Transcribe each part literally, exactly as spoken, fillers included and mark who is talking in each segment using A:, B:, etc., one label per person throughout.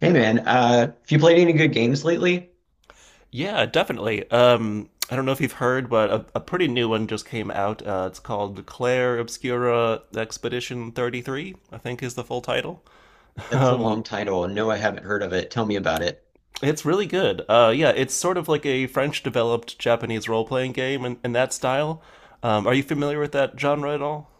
A: Hey man, uh, have you played any good games lately?
B: Yeah, definitely. Um, I don't know if you've heard, but a, a pretty new one just came out. Uh, it's called Claire Obscura Expedition thirty-three, I think is the full title.
A: That's a
B: Um,
A: long title. No, I haven't heard of it. Tell me about it.
B: it's really good. Uh, yeah, it's sort of like a French developed Japanese role playing game in, in that style. Um, are you familiar with that genre at all?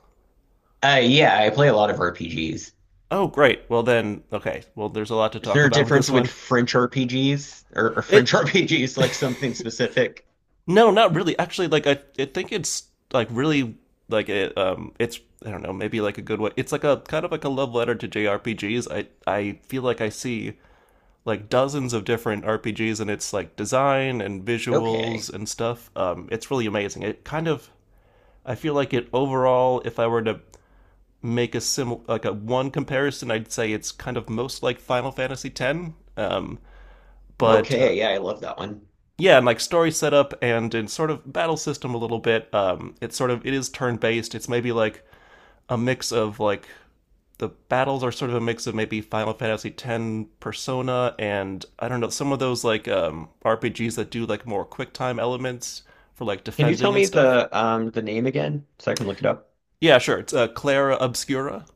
A: Uh, yeah, I play a lot of R P Gs.
B: Oh, great. Well, then, okay. Well, there's a lot to
A: Is
B: talk
A: there a
B: about with this
A: difference with
B: one.
A: French R P Gs or, or French
B: It
A: R P Gs, like something specific?
B: No, not really. Actually, like I, I think it's like really like it. Um, it's I don't know, maybe like a good way. It's like a kind of like a love letter to J R P Gs. I I feel like I see like dozens of different R P Gs and it's like design and
A: Okay,
B: visuals and stuff. Um, it's really amazing. It kind of I feel like it overall. If I were to make a sim like a one comparison, I'd say it's kind of most like Final Fantasy X. Um, but uh,
A: okay, yeah, I love that one.
B: Yeah, and like story setup and in sort of battle system a little bit. Um, it's sort of it is turn based. It's maybe like a mix of like the battles are sort of a mix of maybe Final Fantasy X Persona and I don't know some of those like um, R P Gs that do like more quick time elements for like
A: Can you tell
B: defending and
A: me
B: stuff.
A: the um the name again so I can look it up?
B: Yeah, sure. It's uh, Clara Obscura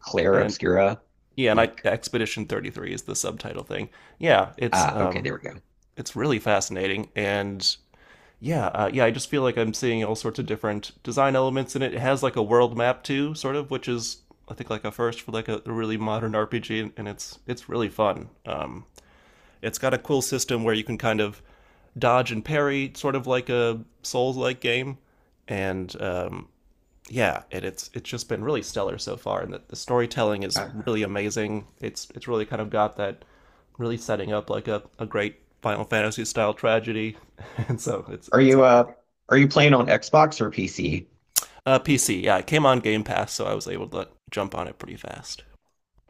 A: Claire
B: and
A: Obscura.
B: yeah, and I,
A: Like,
B: Expedition thirty-three is the subtitle thing. Yeah, it's
A: ah, okay,
B: um,
A: there we go.
B: it's really fascinating and yeah, uh, yeah, I just feel like I'm seeing all sorts of different design elements in it. It has like a world map too, sort of, which is I think like a first for like a really modern R P G, and- and it's it's really fun. Um, it's got a cool system where you can kind of dodge and parry, sort of like a Souls-like game, and um, yeah, and it's it's just been really stellar so far, and the, the storytelling is
A: Uh,
B: really amazing. It's it's really kind of got that really setting up like a, a great Final Fantasy style tragedy, and so it's
A: are
B: it's
A: you
B: all in.
A: uh are you playing on Xbox or P C?
B: Uh, P C, yeah, it came on Game Pass, so I was able to jump on it pretty fast.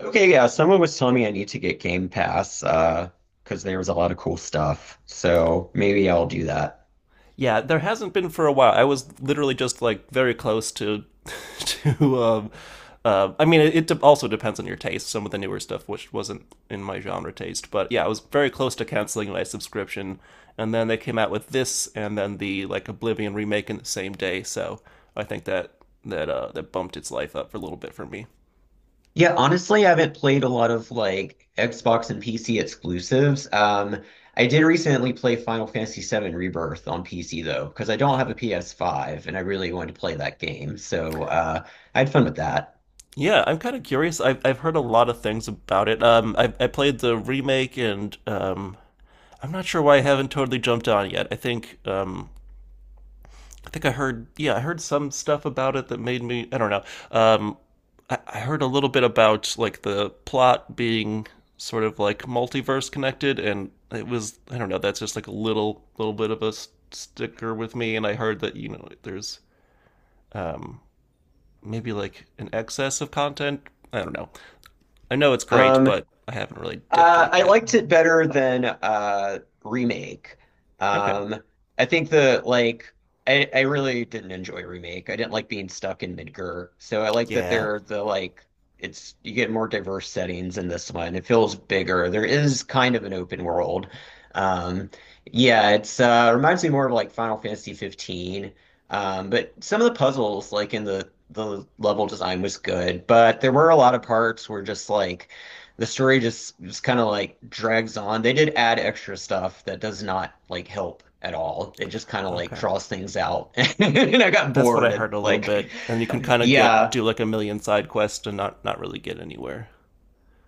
A: Okay, yeah, someone was telling me I need to get Game Pass, uh, because there was a lot of cool stuff. So maybe I'll do that.
B: Yeah, there hasn't been for a while. I was literally just like very close to, to. Um, uh, I mean, it, it also depends on your taste. Some of the newer stuff, which wasn't in my genre taste, but yeah, I was very close to canceling my subscription, and then they came out with this, and then the like Oblivion remake in the same day. So I think that that uh, that bumped its life up for a little bit for me.
A: Yeah, honestly, I haven't played a lot of like Xbox and P C exclusives. Um, I did recently play Final Fantasy VII Rebirth on P C though, because I don't have a P S five and I really wanted to play that game. So uh, I had fun with that.
B: Yeah, I'm kind of curious. I've I've heard a lot of things about it. Um, I I played the remake, and um, I'm not sure why I haven't totally jumped on yet. I think um, I think I heard yeah, I heard some stuff about it that made me I don't know. Um, I, I heard a little bit about like the plot being sort of like multiverse connected, and it was I don't know. That's just like a little little bit of a s- sticker with me. And I heard that you know there's um maybe like an excess of content. I don't know. I know it's great,
A: Um,
B: but I haven't really dipped
A: Uh,
B: in
A: I
B: yet.
A: liked it better than uh, remake.
B: Okay.
A: Um, I think the like I, I really didn't enjoy remake. I didn't like being stuck in Midgar, so I like that they
B: Yeah.
A: are the like it's you get more diverse settings in this one. It feels bigger. There is kind of an open world. Um, yeah, it's uh, reminds me more of like Final Fantasy fifteen. Um, but some of the puzzles, like in the the level design was good, but there were a lot of parts where just like the story just just kind of like drags on. They did add extra stuff that does not like help at all. It just kind of like
B: Okay.
A: draws things out. And I got
B: That's what
A: bored
B: I
A: and
B: heard a little
A: like
B: bit, and you can kind of get
A: yeah.
B: do like a million side quests and not not really get anywhere.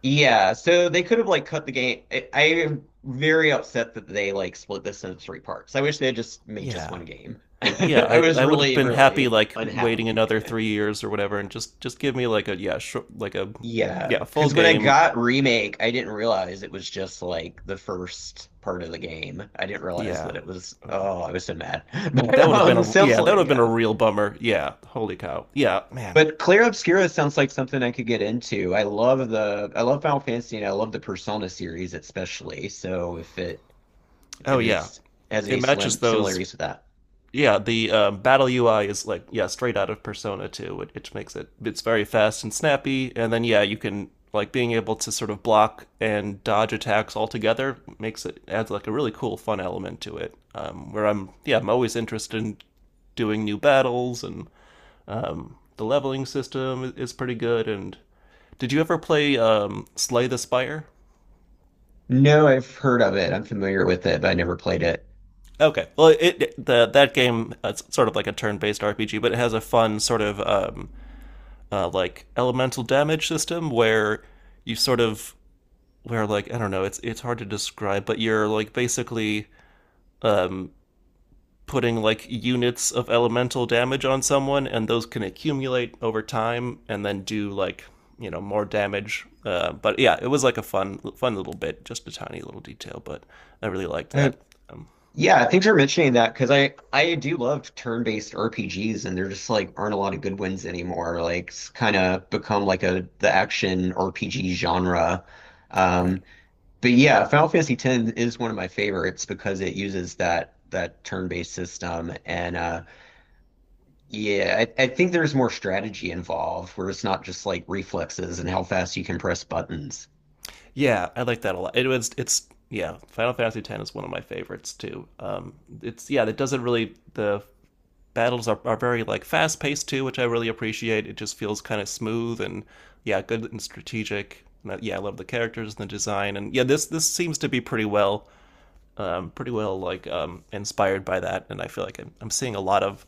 A: Yeah, so they could have like cut the game. I, I am very upset that they like split this into three parts. I wish they had just made just
B: Yeah.
A: one game.
B: Yeah,
A: I
B: I,
A: was
B: I would have
A: really,
B: been happy
A: really
B: like
A: unhappy.
B: waiting another three years or whatever, and just just give me like a yeah sh- like a
A: Yeah,
B: yeah full
A: because when I
B: game
A: got Remake, I didn't realize it was just like the first part of the game. I didn't realize
B: yeah
A: that it was,
B: uh,
A: oh, I was so mad.
B: that
A: But
B: would have been
A: um,
B: a yeah that would
A: seriously,
B: have been a
A: yeah.
B: real bummer yeah holy cow yeah man
A: But Clair Obscura sounds like something I could get into. I love the, I love Final Fantasy and I love the Persona series especially. So if it,
B: oh
A: if
B: yeah
A: it's has
B: it
A: any
B: matches
A: slim
B: those
A: similarities with that.
B: yeah, the um, battle U I is like yeah, straight out of Persona two, which, makes it it's very fast and snappy. And then yeah, you can like being able to sort of block and dodge attacks altogether makes it adds like a really cool fun element to it. Um, where I'm yeah, I'm always interested in doing new battles and the leveling system is pretty good. And did you ever play um, Slay the Spire?
A: No, I've heard of it. I'm familiar with it, but I never played it.
B: Okay, well, it, it the that game it's sort of like a turn-based R P G, but it has a fun sort of um, uh, like elemental damage system where you sort of where like I don't know, it's it's hard to describe, but you're like basically um putting like units of elemental damage on someone and those can accumulate over time and then do like you know more damage uh, but yeah it was like a fun fun little bit just a tiny little detail but I really liked
A: Uh,
B: that um,
A: Yeah, thanks for mentioning that because I I do love turn-based R P Gs and there just like aren't a lot of good ones anymore. Like it's kind of become like a the action R P G genre.
B: right
A: Um, but yeah, Final Fantasy X is one of my favorites because it uses that that turn-based system and uh yeah, I, I think there's more strategy involved where it's not just like reflexes and how fast you can press buttons.
B: yeah I like that a lot it was it's yeah final fantasy x is one of my favorites too um, it's yeah it doesn't really the battles are, are very like fast paced too, which I really appreciate. It just feels kind of smooth and yeah, good and strategic. And I- yeah, I love the characters and the design, and yeah, this this seems to be pretty well, um, pretty well like um, inspired by that, and I feel like I'm, I'm seeing a lot of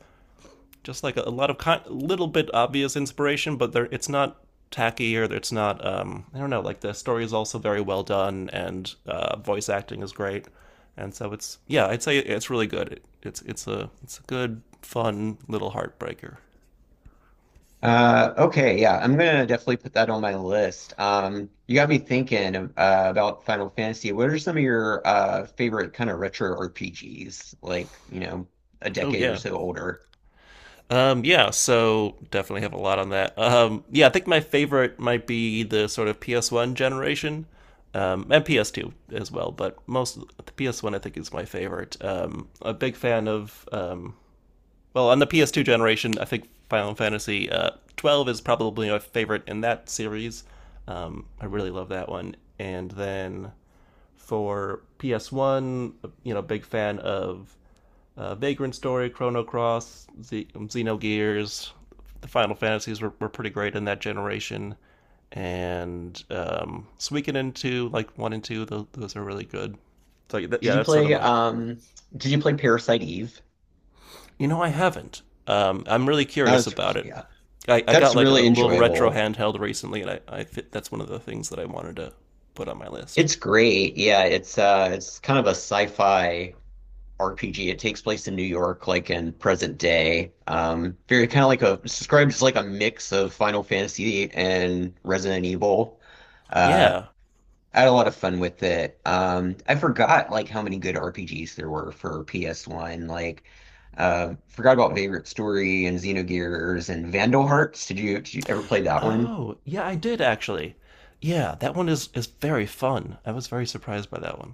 B: just like a, a lot of con- little bit obvious inspiration, but there it's not tacky or it's not um I don't know, like the story is also very well done and uh voice acting is great. And so it's yeah, I'd say it's really good. It, it's it's a it's a good fun little heartbreaker.
A: Uh, okay, yeah, I'm gonna definitely put that on my list. Um, you got me thinking uh, about Final Fantasy. What are some of your uh favorite kind of retro R P Gs, like, you know, a
B: Oh
A: decade or
B: yeah.
A: so older?
B: Um yeah, so definitely have a lot on that. Um yeah, I think my favorite might be the sort of P S one generation. Um, and P S two as well, but most of the P S one I think is my favorite. Um, a big fan of um, well, on the P S two generation, I think Final Fantasy uh, twelve uh, is probably my favorite in that series. Um, I really love that one. And then for P S one, you know, big fan of uh, Vagrant Story, Chrono Cross, Z- Xenogears. The Final Fantasies were, were pretty great in that generation. And um, Suikoden two, like one and two, those, those are really good. So,
A: Did
B: yeah,
A: you
B: that's sort of
A: play
B: my
A: um did you play Parasite Eve?
B: You know, I haven't. Um, I'm really
A: That
B: curious
A: was
B: about it.
A: yeah.
B: I, I got
A: That's
B: like a
A: really
B: little retro
A: enjoyable.
B: handheld recently, and I, I fit, that's one of the things that I wanted to put on my list.
A: It's great. Yeah, it's uh it's kind of a sci-fi R P G. It takes place in New York, like in present day. Um, very kind of like a it's described as like a mix of Final Fantasy and Resident Evil. Uh,
B: Yeah.
A: I had a lot of fun with it. Um, I forgot like how many good R P Gs there were for P S one. Like, uh, forgot about Favorite Story and Xenogears and Vandal Hearts. Did you, did you ever play that one?
B: Oh, yeah, I did actually. Yeah, that one is is very fun. I was very surprised by that one.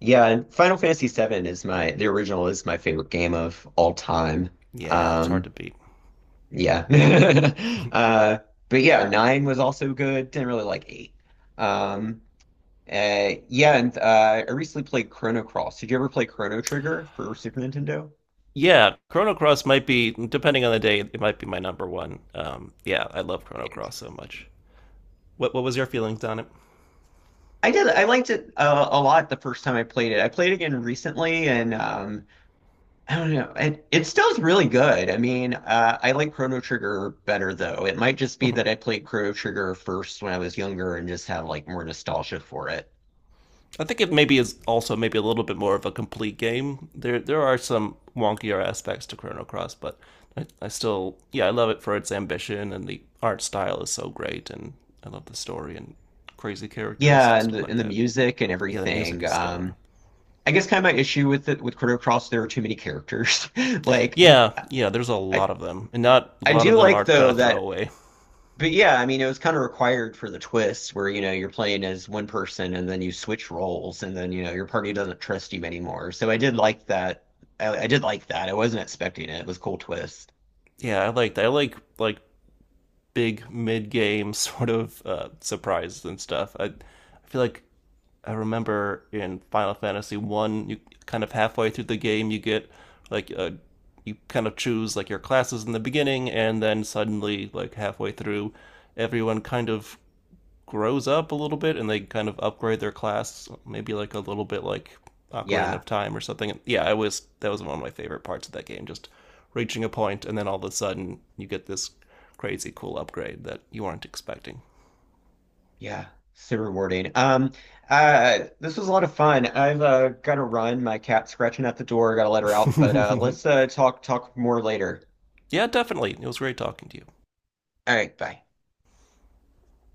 A: Yeah, and Final Fantasy VII is my the original is my favorite game of all time.
B: Yeah, it's hard
A: Um,
B: to beat.
A: Yeah. Uh, but yeah, nine was also good. Didn't really like eight. Um, uh, yeah, and uh, I recently played Chrono Cross. Did you ever play Chrono Trigger for Super Nintendo?
B: Yeah, Chrono Cross might be, depending on the day, it might be my number one. Um, yeah, I love Chrono Cross so
A: Interesting.
B: much. What what was your feelings on it?
A: I did. I liked it uh, a lot the first time I played it. I played it again recently, and um, I don't know. It it still's really good. I mean, uh, I like Chrono Trigger better though. It might just be that I played Chrono Trigger first when I was younger and just have like more nostalgia for it.
B: I think it maybe is also maybe a little bit more of a complete game. There there are some wonkier aspects to Chrono Cross, but I, I still yeah I love it for its ambition and the art style is so great and I love the story and crazy characters
A: Yeah,
B: and
A: and
B: stuff
A: the
B: like
A: and the
B: that.
A: music and
B: Yeah, the music
A: everything.
B: is stellar.
A: Um, I guess kind of my issue with it with Chrono Cross, there are too many characters. Like,
B: Yeah, yeah, there's a
A: I
B: lot of them, and not a
A: I
B: lot
A: do
B: of them
A: like
B: are kind
A: though
B: of
A: that,
B: throwaway.
A: but yeah, I mean it was kind of required for the twist where you know you're playing as one person and then you switch roles and then you know your party doesn't trust you anymore. So I did like that. I, I did like that. I wasn't expecting it. It was a cool twist.
B: Yeah, I like I like like big mid game sort of uh, surprises and stuff. I I feel like I remember in Final Fantasy One, you kind of halfway through the game, you get like a, you kind of choose like your classes in the beginning, and then suddenly like halfway through, everyone kind of grows up a little bit and they kind of upgrade their class, maybe like a little bit like Ocarina
A: Yeah.
B: of Time or something. Yeah, I was that was one of my favorite parts of that game, just reaching a point and then all of a sudden you get this crazy cool upgrade that you weren't expecting.
A: Yeah, super rewarding. Um, uh, this was a lot of fun. I've uh, got to run. My cat's scratching at the door. Got to let her out. But uh, let's uh, talk talk more later.
B: yeah, definitely. It was great talking to you.
A: All right, bye.